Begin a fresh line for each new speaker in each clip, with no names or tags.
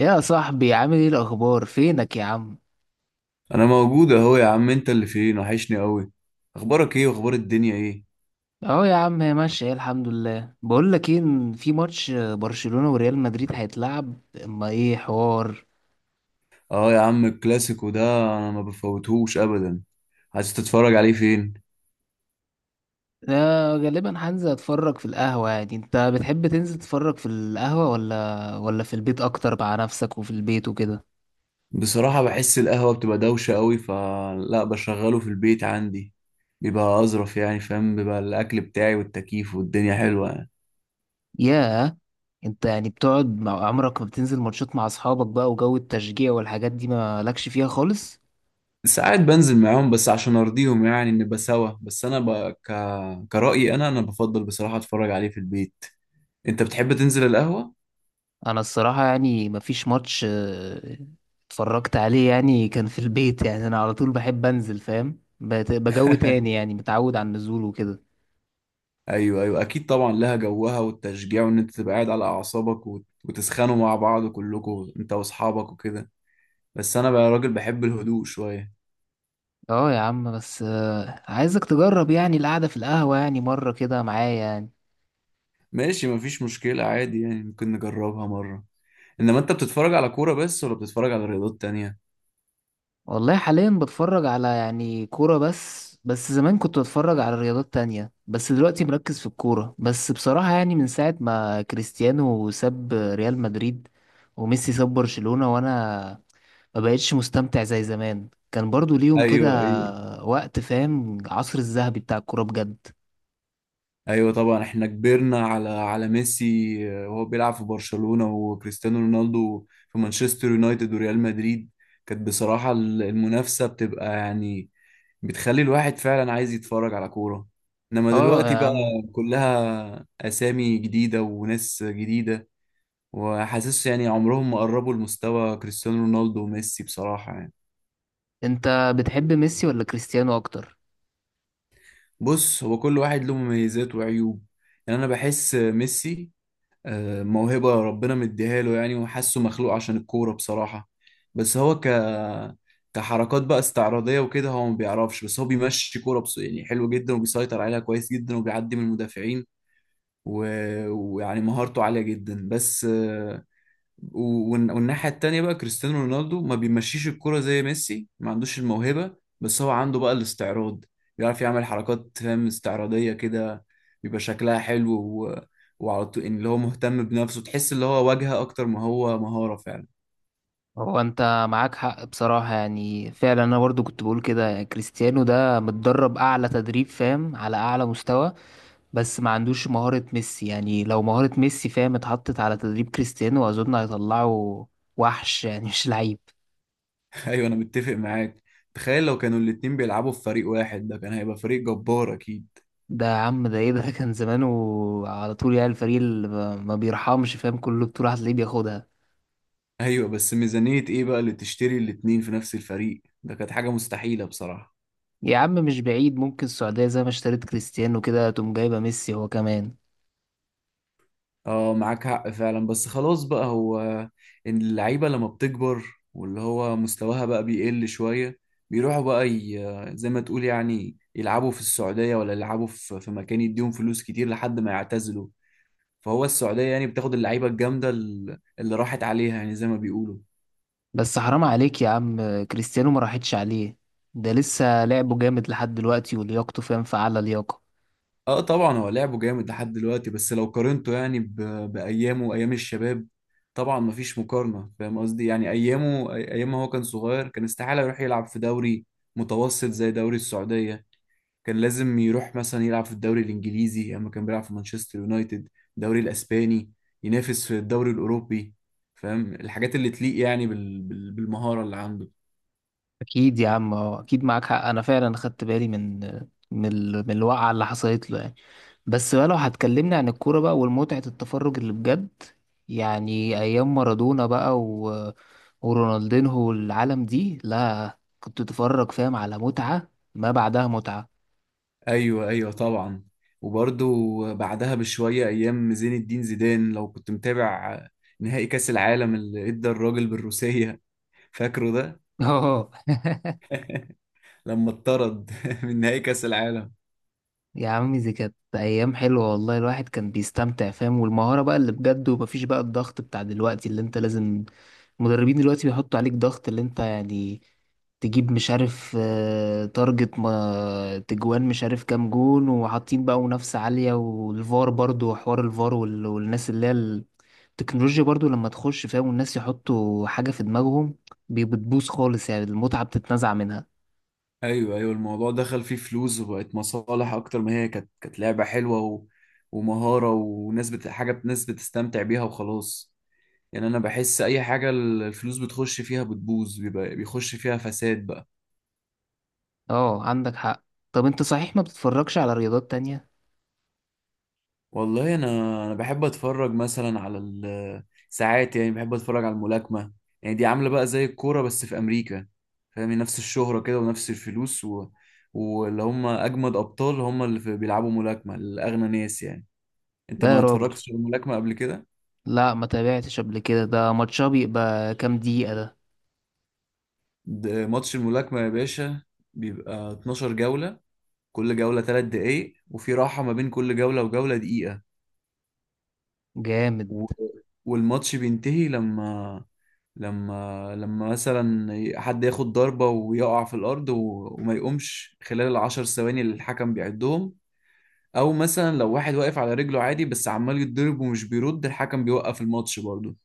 يا صاحبي، عامل ايه الاخبار؟ فينك يا عم؟
انا موجود اهو يا عم، انت اللي فين؟ وحشني قوي. اخبارك ايه واخبار الدنيا ايه؟
اهو يا عم هي ماشيه، إيه الحمد لله. بقول لك ايه، إن في ماتش برشلونه وريال مدريد هيتلعب. اما ايه حوار.
اه يا عم الكلاسيكو ده، انا ما بفوتهوش ابدا. عايز تتفرج عليه فين؟
لا غالبا هنزل اتفرج في القهوه. يعني انت بتحب تنزل تتفرج في القهوه ولا في البيت اكتر مع نفسك وفي البيت وكده؟
بصراحة بحس القهوة بتبقى دوشة قوي، فلا بشغله في البيت عندي، بيبقى اظرف يعني، فاهم، بيبقى الاكل بتاعي والتكييف والدنيا حلوة يعني.
ياه. انت يعني بتقعد مع عمرك؟ ما بتنزل ماتشات مع اصحابك بقى وجو التشجيع والحاجات دي ما لكش فيها خالص؟
ساعات بنزل معاهم بس عشان ارضيهم، يعني نبقى سوا، بس انا ك... كرأيي انا بفضل بصراحة اتفرج عليه في البيت. انت بتحب تنزل القهوة؟
انا الصراحه يعني مفيش ماتش اتفرجت عليه يعني كان في البيت. يعني انا على طول بحب انزل، فاهم؟ بجو تاني يعني، متعود على النزول وكده.
ايوه، ايوه اكيد طبعا، لها جوها والتشجيع، وان انت تبقى قاعد على اعصابك وتسخنوا مع بعض كلكم انت واصحابك وكده. بس انا بقى راجل بحب الهدوء شويه.
اه يا عم، بس عايزك تجرب يعني القعده في القهوه يعني مره كده معايا يعني.
ماشي، مفيش مشكله، عادي يعني، ممكن نجربها مره. انما انت بتتفرج على كوره بس ولا بتتفرج على رياضات تانية؟
والله حاليا بتفرج على يعني كوره بس. بس زمان كنت بتفرج على رياضات تانية، بس دلوقتي مركز في الكوره بس بصراحه. يعني من ساعه ما كريستيانو ساب ريال مدريد وميسي ساب برشلونه، وانا ما بقتش مستمتع زي زمان. كان برضو ليهم كده
ايوه، ايوه،
وقت، فاهم؟ العصر الذهبي بتاع الكورة بجد.
ايوه طبعا، احنا كبرنا على ميسي وهو بيلعب في برشلونه، وكريستيانو رونالدو في مانشستر يونايتد وريال مدريد. كانت بصراحه المنافسه بتبقى يعني بتخلي الواحد فعلا عايز يتفرج على كورة. انما
اه يا
دلوقتي بقى
عم.
كلها اسامي جديدة وناس جديدة، وحاسس يعني عمرهم ما قربوا لمستوى كريستيانو رونالدو وميسي بصراحة يعني.
انت بتحب ميسي ولا كريستيانو اكتر؟
بص، هو كل واحد له مميزات وعيوب، يعني انا بحس ميسي موهبة ربنا مديها له يعني، وحاسه مخلوق عشان الكورة بصراحة. بس هو كحركات بقى استعراضية وكده هو ما بيعرفش، بس هو بيمشي كورة بس، يعني حلو جدا وبيسيطر عليها كويس جدا وبيعدي من المدافعين، ويعني مهارته عالية جدا، بس والناحية التانية بقى كريستيانو رونالدو ما بيمشيش الكرة زي ميسي، ما عندوش الموهبة، بس هو عنده بقى الاستعراض، بيعرف يعمل حركات، فاهم، استعراضية كده، بيبقى شكلها حلو، وعلى طول إن اللي هو مهتم بنفسه، تحس اللي هو واجهة أكتر ما هو مهارة فعلا.
هو انت معاك حق بصراحة. يعني فعلا انا برضو كنت بقول كده. يعني كريستيانو ده متدرب اعلى تدريب، فاهم؟ على اعلى مستوى، بس ما عندوش مهارة ميسي. يعني لو مهارة ميسي، فاهم، اتحطت على تدريب كريستيانو، اظن هيطلعه وحش، يعني مش لعيب.
أيوة أنا متفق معاك. تخيل لو كانوا الاتنين بيلعبوا في فريق واحد، ده كان هيبقى فريق جبار أكيد.
ده يا عم، ده ايه ده؟ كان زمانه على طول يعني الفريق اللي ما بيرحمش، فاهم؟ كل بطولة هتلاقيه بياخدها.
أيوة بس ميزانية إيه بقى اللي تشتري الاتنين في نفس الفريق؟ ده كانت حاجة مستحيلة بصراحة.
يا عم مش بعيد، ممكن السعودية زي ما اشتريت كريستيانو كده تقوم جايبة ميسي هو كمان.
اه معاك حق فعلا، بس خلاص بقى هو، إن اللعيبة لما بتكبر واللي هو مستواها بقى بيقل شوية، بيروحوا بقى، زي ما تقول يعني يلعبوا في السعودية، ولا يلعبوا في مكان يديهم فلوس كتير لحد ما يعتزلوا. فهو السعودية يعني بتاخد اللعيبة الجامدة اللي راحت عليها يعني، زي ما بيقولوا.
بس حرام عليك يا عم، كريستيانو ما راحتش عليه. ده لسه لعبه جامد لحد دلوقتي، ولياقته، فاهم، في أعلى لياقة.
اه طبعا هو لعبه جامد لحد دلوقتي، بس لو قارنته يعني بايامه وايام الشباب، طبعا مفيش مقارنه، فاهم قصدي، يعني ايامه ايام ما هو كان صغير، كان استحاله يروح يلعب في دوري متوسط زي دوري السعوديه، كان لازم يروح مثلا يلعب في الدوري الانجليزي، اما كان بيلعب في مانشستر يونايتد، الدوري الاسباني، ينافس في الدوري الاوروبي، فاهم، الحاجات اللي تليق يعني بالمهاره اللي عنده.
أكيد يا عم، أه أكيد معاك حق. أنا فعلا خدت بالي من من من الوقعة اللي حصلت له يعني. بس بقى لو هتكلمني عن الكورة بقى والمتعة التفرج اللي بجد، يعني أيام مارادونا بقى ورونالدينهو والعالم دي، لا كنت تتفرج، فاهم، على متعة ما بعدها متعة.
ايوه، ايوه طبعا. وبرضو بعدها بشويه ايام زين الدين زيدان، لو كنت متابع، نهائي كاس العالم اللي ادى الراجل بالروسيه، فاكره ده؟
اه
لما اتطرد من نهائي كاس العالم.
يا عمي، دي كانت أيام حلوة والله. الواحد كان بيستمتع، فاهم؟ والمهارة بقى اللي بجد، ومفيش بقى الضغط بتاع دلوقتي اللي أنت لازم. المدربين دلوقتي بيحطوا عليك ضغط اللي أنت يعني تجيب، مش عارف، تارجت ما تجوان، مش عارف كام جون، وحاطين بقى منافسة عالية. والفار برضو وحوار الفار والناس اللي هي التكنولوجيا برضو لما تخش، فاهم، والناس يحطوا حاجة في دماغهم، بتبوظ خالص. يعني المتعة بتتنزع منها.
ايوه، ايوه، الموضوع دخل فيه فلوس وبقت مصالح اكتر ما هي كانت لعبه حلوه، ومهاره وناس حاجه، ناس بتستمتع بيها وخلاص. يعني انا بحس اي حاجه الفلوس بتخش فيها بتبوظ، بيبقى بيخش فيها فساد بقى.
اه عندك حق. طب انت صحيح ما بتتفرجش على رياضات تانية؟
والله انا بحب اتفرج مثلا على ساعات يعني بحب اتفرج على الملاكمه. يعني دي عامله بقى زي الكوره بس في امريكا، فاهم، نفس الشهره كده ونفس الفلوس، واللي هم اجمد ابطال هم اللي بيلعبوا ملاكمه الاغنى ناس يعني. انت
لا يا
ما
راجل.
اتفرجتش على الملاكمه قبل كده؟
لا ما تابعتش قبل كده. ده ماتشها بيبقى كام دقيقة ده؟
ده ماتش الملاكمه يا باشا، بيبقى 12 جوله، كل جوله 3 دقايق، وفي راحه ما بين كل جوله وجوله دقيقه،
جامد.
و... والماتش بينتهي لما مثلا حد ياخد ضربة ويقع في الأرض، وما يقومش خلال الـ10 ثواني اللي الحكم بيعدهم. أو مثلا لو واحد واقف على رجله عادي بس عمال يتضرب ومش بيرد، الحكم بيوقف الماتش برضه،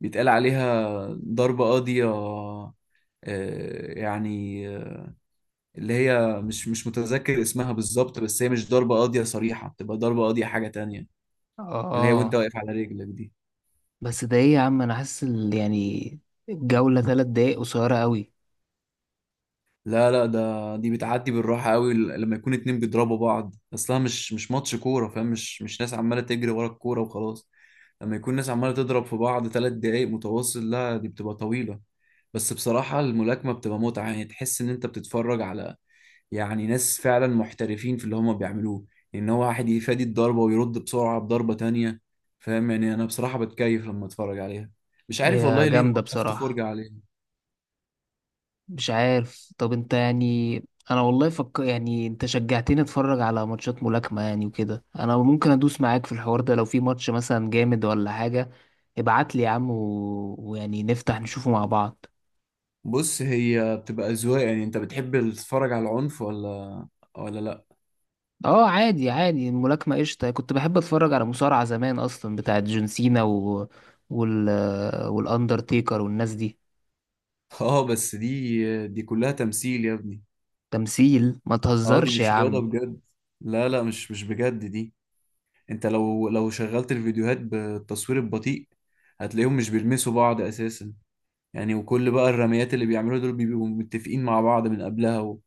بيتقال عليها ضربة قاضية، يعني اللي هي، مش متذكر اسمها بالظبط، بس هي مش ضربة قاضية صريحة، بتبقى ضربة قاضية حاجة تانية، اللي هي وانت
اه
واقف على رجلك دي.
بس ده ايه يا عم؟ انا حاسس يعني الجولة تلات دقايق قصيرة قوي.
لا لا، ده دي بتعدي بالراحة قوي، لما يكون اتنين بيضربوا بعض اصلها مش مش ماتش كورة، فاهم، مش مش ناس عمالة تجري ورا الكورة وخلاص، لما يكون ناس عمالة تضرب في بعض 3 دقايق متواصل، لا دي بتبقى طويلة. بس بصراحة الملاكمة بتبقى متعة، يعني تحس ان انت بتتفرج على، يعني، ناس فعلا محترفين في اللي هما بيعملوه، ان هو واحد يفادي الضربة ويرد بسرعة بضربة تانية، فاهم، يعني انا بصراحة بتكيف لما اتفرج عليها، مش عارف
هي
والله ليه
جامدة
وقفت
بصراحة.
فرجة عليها.
مش عارف. طب انت يعني، انا والله فك، يعني انت شجعتني اتفرج على ماتشات ملاكمة يعني وكده. انا ممكن ادوس معاك في الحوار ده. لو في ماتش مثلا جامد ولا حاجة ابعت لي يا عم، ويعني نفتح نشوفه مع بعض.
بص، هي بتبقى أذواق، يعني انت بتحب تتفرج على العنف ولا لا؟
اه عادي عادي، الملاكمة قشطة. كنت بحب اتفرج على مصارعة زمان اصلا، بتاعت جون سينا و... وال والاندرتيكر والناس دي.
اه بس دي كلها تمثيل يا ابني،
تمثيل؟ ما
اه دي
تهزرش يا
مش رياضة
عم.
بجد، لا لا، مش بجد دي. انت لو شغلت الفيديوهات بالتصوير البطيء، هتلاقيهم مش بيلمسوا بعض اساسا، يعني وكل بقى الرميات اللي بيعملوها دول بيبقوا متفقين مع بعض من قبلها،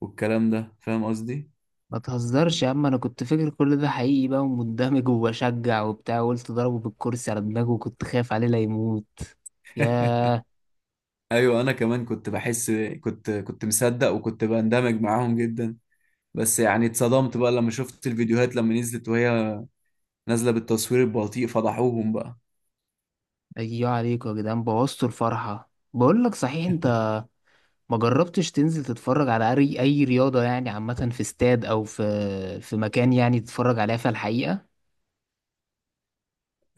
والكلام ده فاهم قصدي.
ما تهزرش يا عم، انا كنت فاكر كل ده حقيقي بقى، ومندمج وبشجع وبتاع، وقلت ضربه بالكرسي على دماغه وكنت خايف عليه لا يموت. ياه.
ايوه انا كمان كنت بحس، كنت مصدق وكنت بندمج معاهم جدا، بس يعني اتصدمت بقى لما شفت الفيديوهات لما نزلت، وهي نازلة بالتصوير البطيء فضحوهم بقى.
ايوه عليكم يا جدعان، بوظتوا الفرحة. بقول لك، صحيح انت ما جربتش تنزل تتفرج على اي رياضة يعني عامة في استاد او في في مكان، يعني تتفرج عليها في الحقيقة؟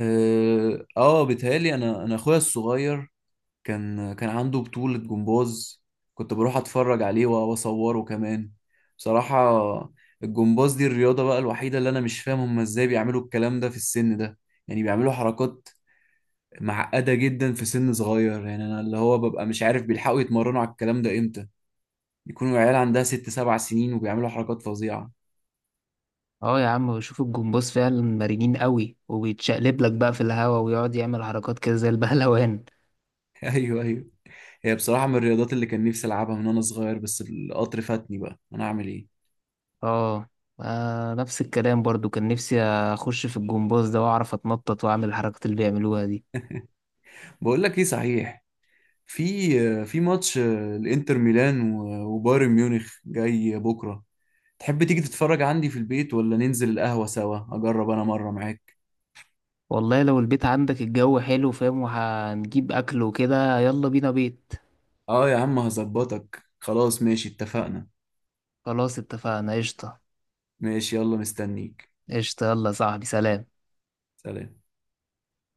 اه، بيتهيألي انا اخويا الصغير كان عنده بطولة جمباز، كنت بروح اتفرج عليه واصوره كمان بصراحة. الجمباز دي الرياضة بقى الوحيدة اللي انا مش فاهم هم ازاي بيعملوا الكلام ده في السن ده، يعني بيعملوا حركات معقدة جدا في سن صغير، يعني انا اللي هو ببقى مش عارف بيلحقوا يتمرنوا على الكلام ده امتى، بيكونوا عيال عندها 6 ل7 سنين وبيعملوا حركات فظيعة.
اه يا عم، بشوف الجمباز فعلا مرنين قوي، وبيتشقلب لك بقى في الهوا ويقعد يعمل حركات كده زي البهلوان.
ايوه، ايوه، هي بصراحه من الرياضات اللي كان نفسي العبها من وانا صغير، بس القطر فاتني بقى، انا اعمل ايه؟
اه، نفس الكلام برضو، كان نفسي اخش في الجمباز ده واعرف اتنطط واعمل الحركات اللي بيعملوها دي.
بقول لك ايه، صحيح، في في ماتش الانتر ميلان وبايرن ميونخ جاي بكره، تحب تيجي تتفرج عندي في البيت ولا ننزل القهوه سوا، اجرب انا مره معاك؟
والله لو البيت عندك الجو حلو، فاهم، وهنجيب اكل وكده، يلا بينا بيت.
اه يا عم هظبطك، خلاص ماشي، اتفقنا.
خلاص اتفقنا قشطة.
ماشي يلا مستنيك.
قشطة يلا يا صاحبي، سلام.
سلام.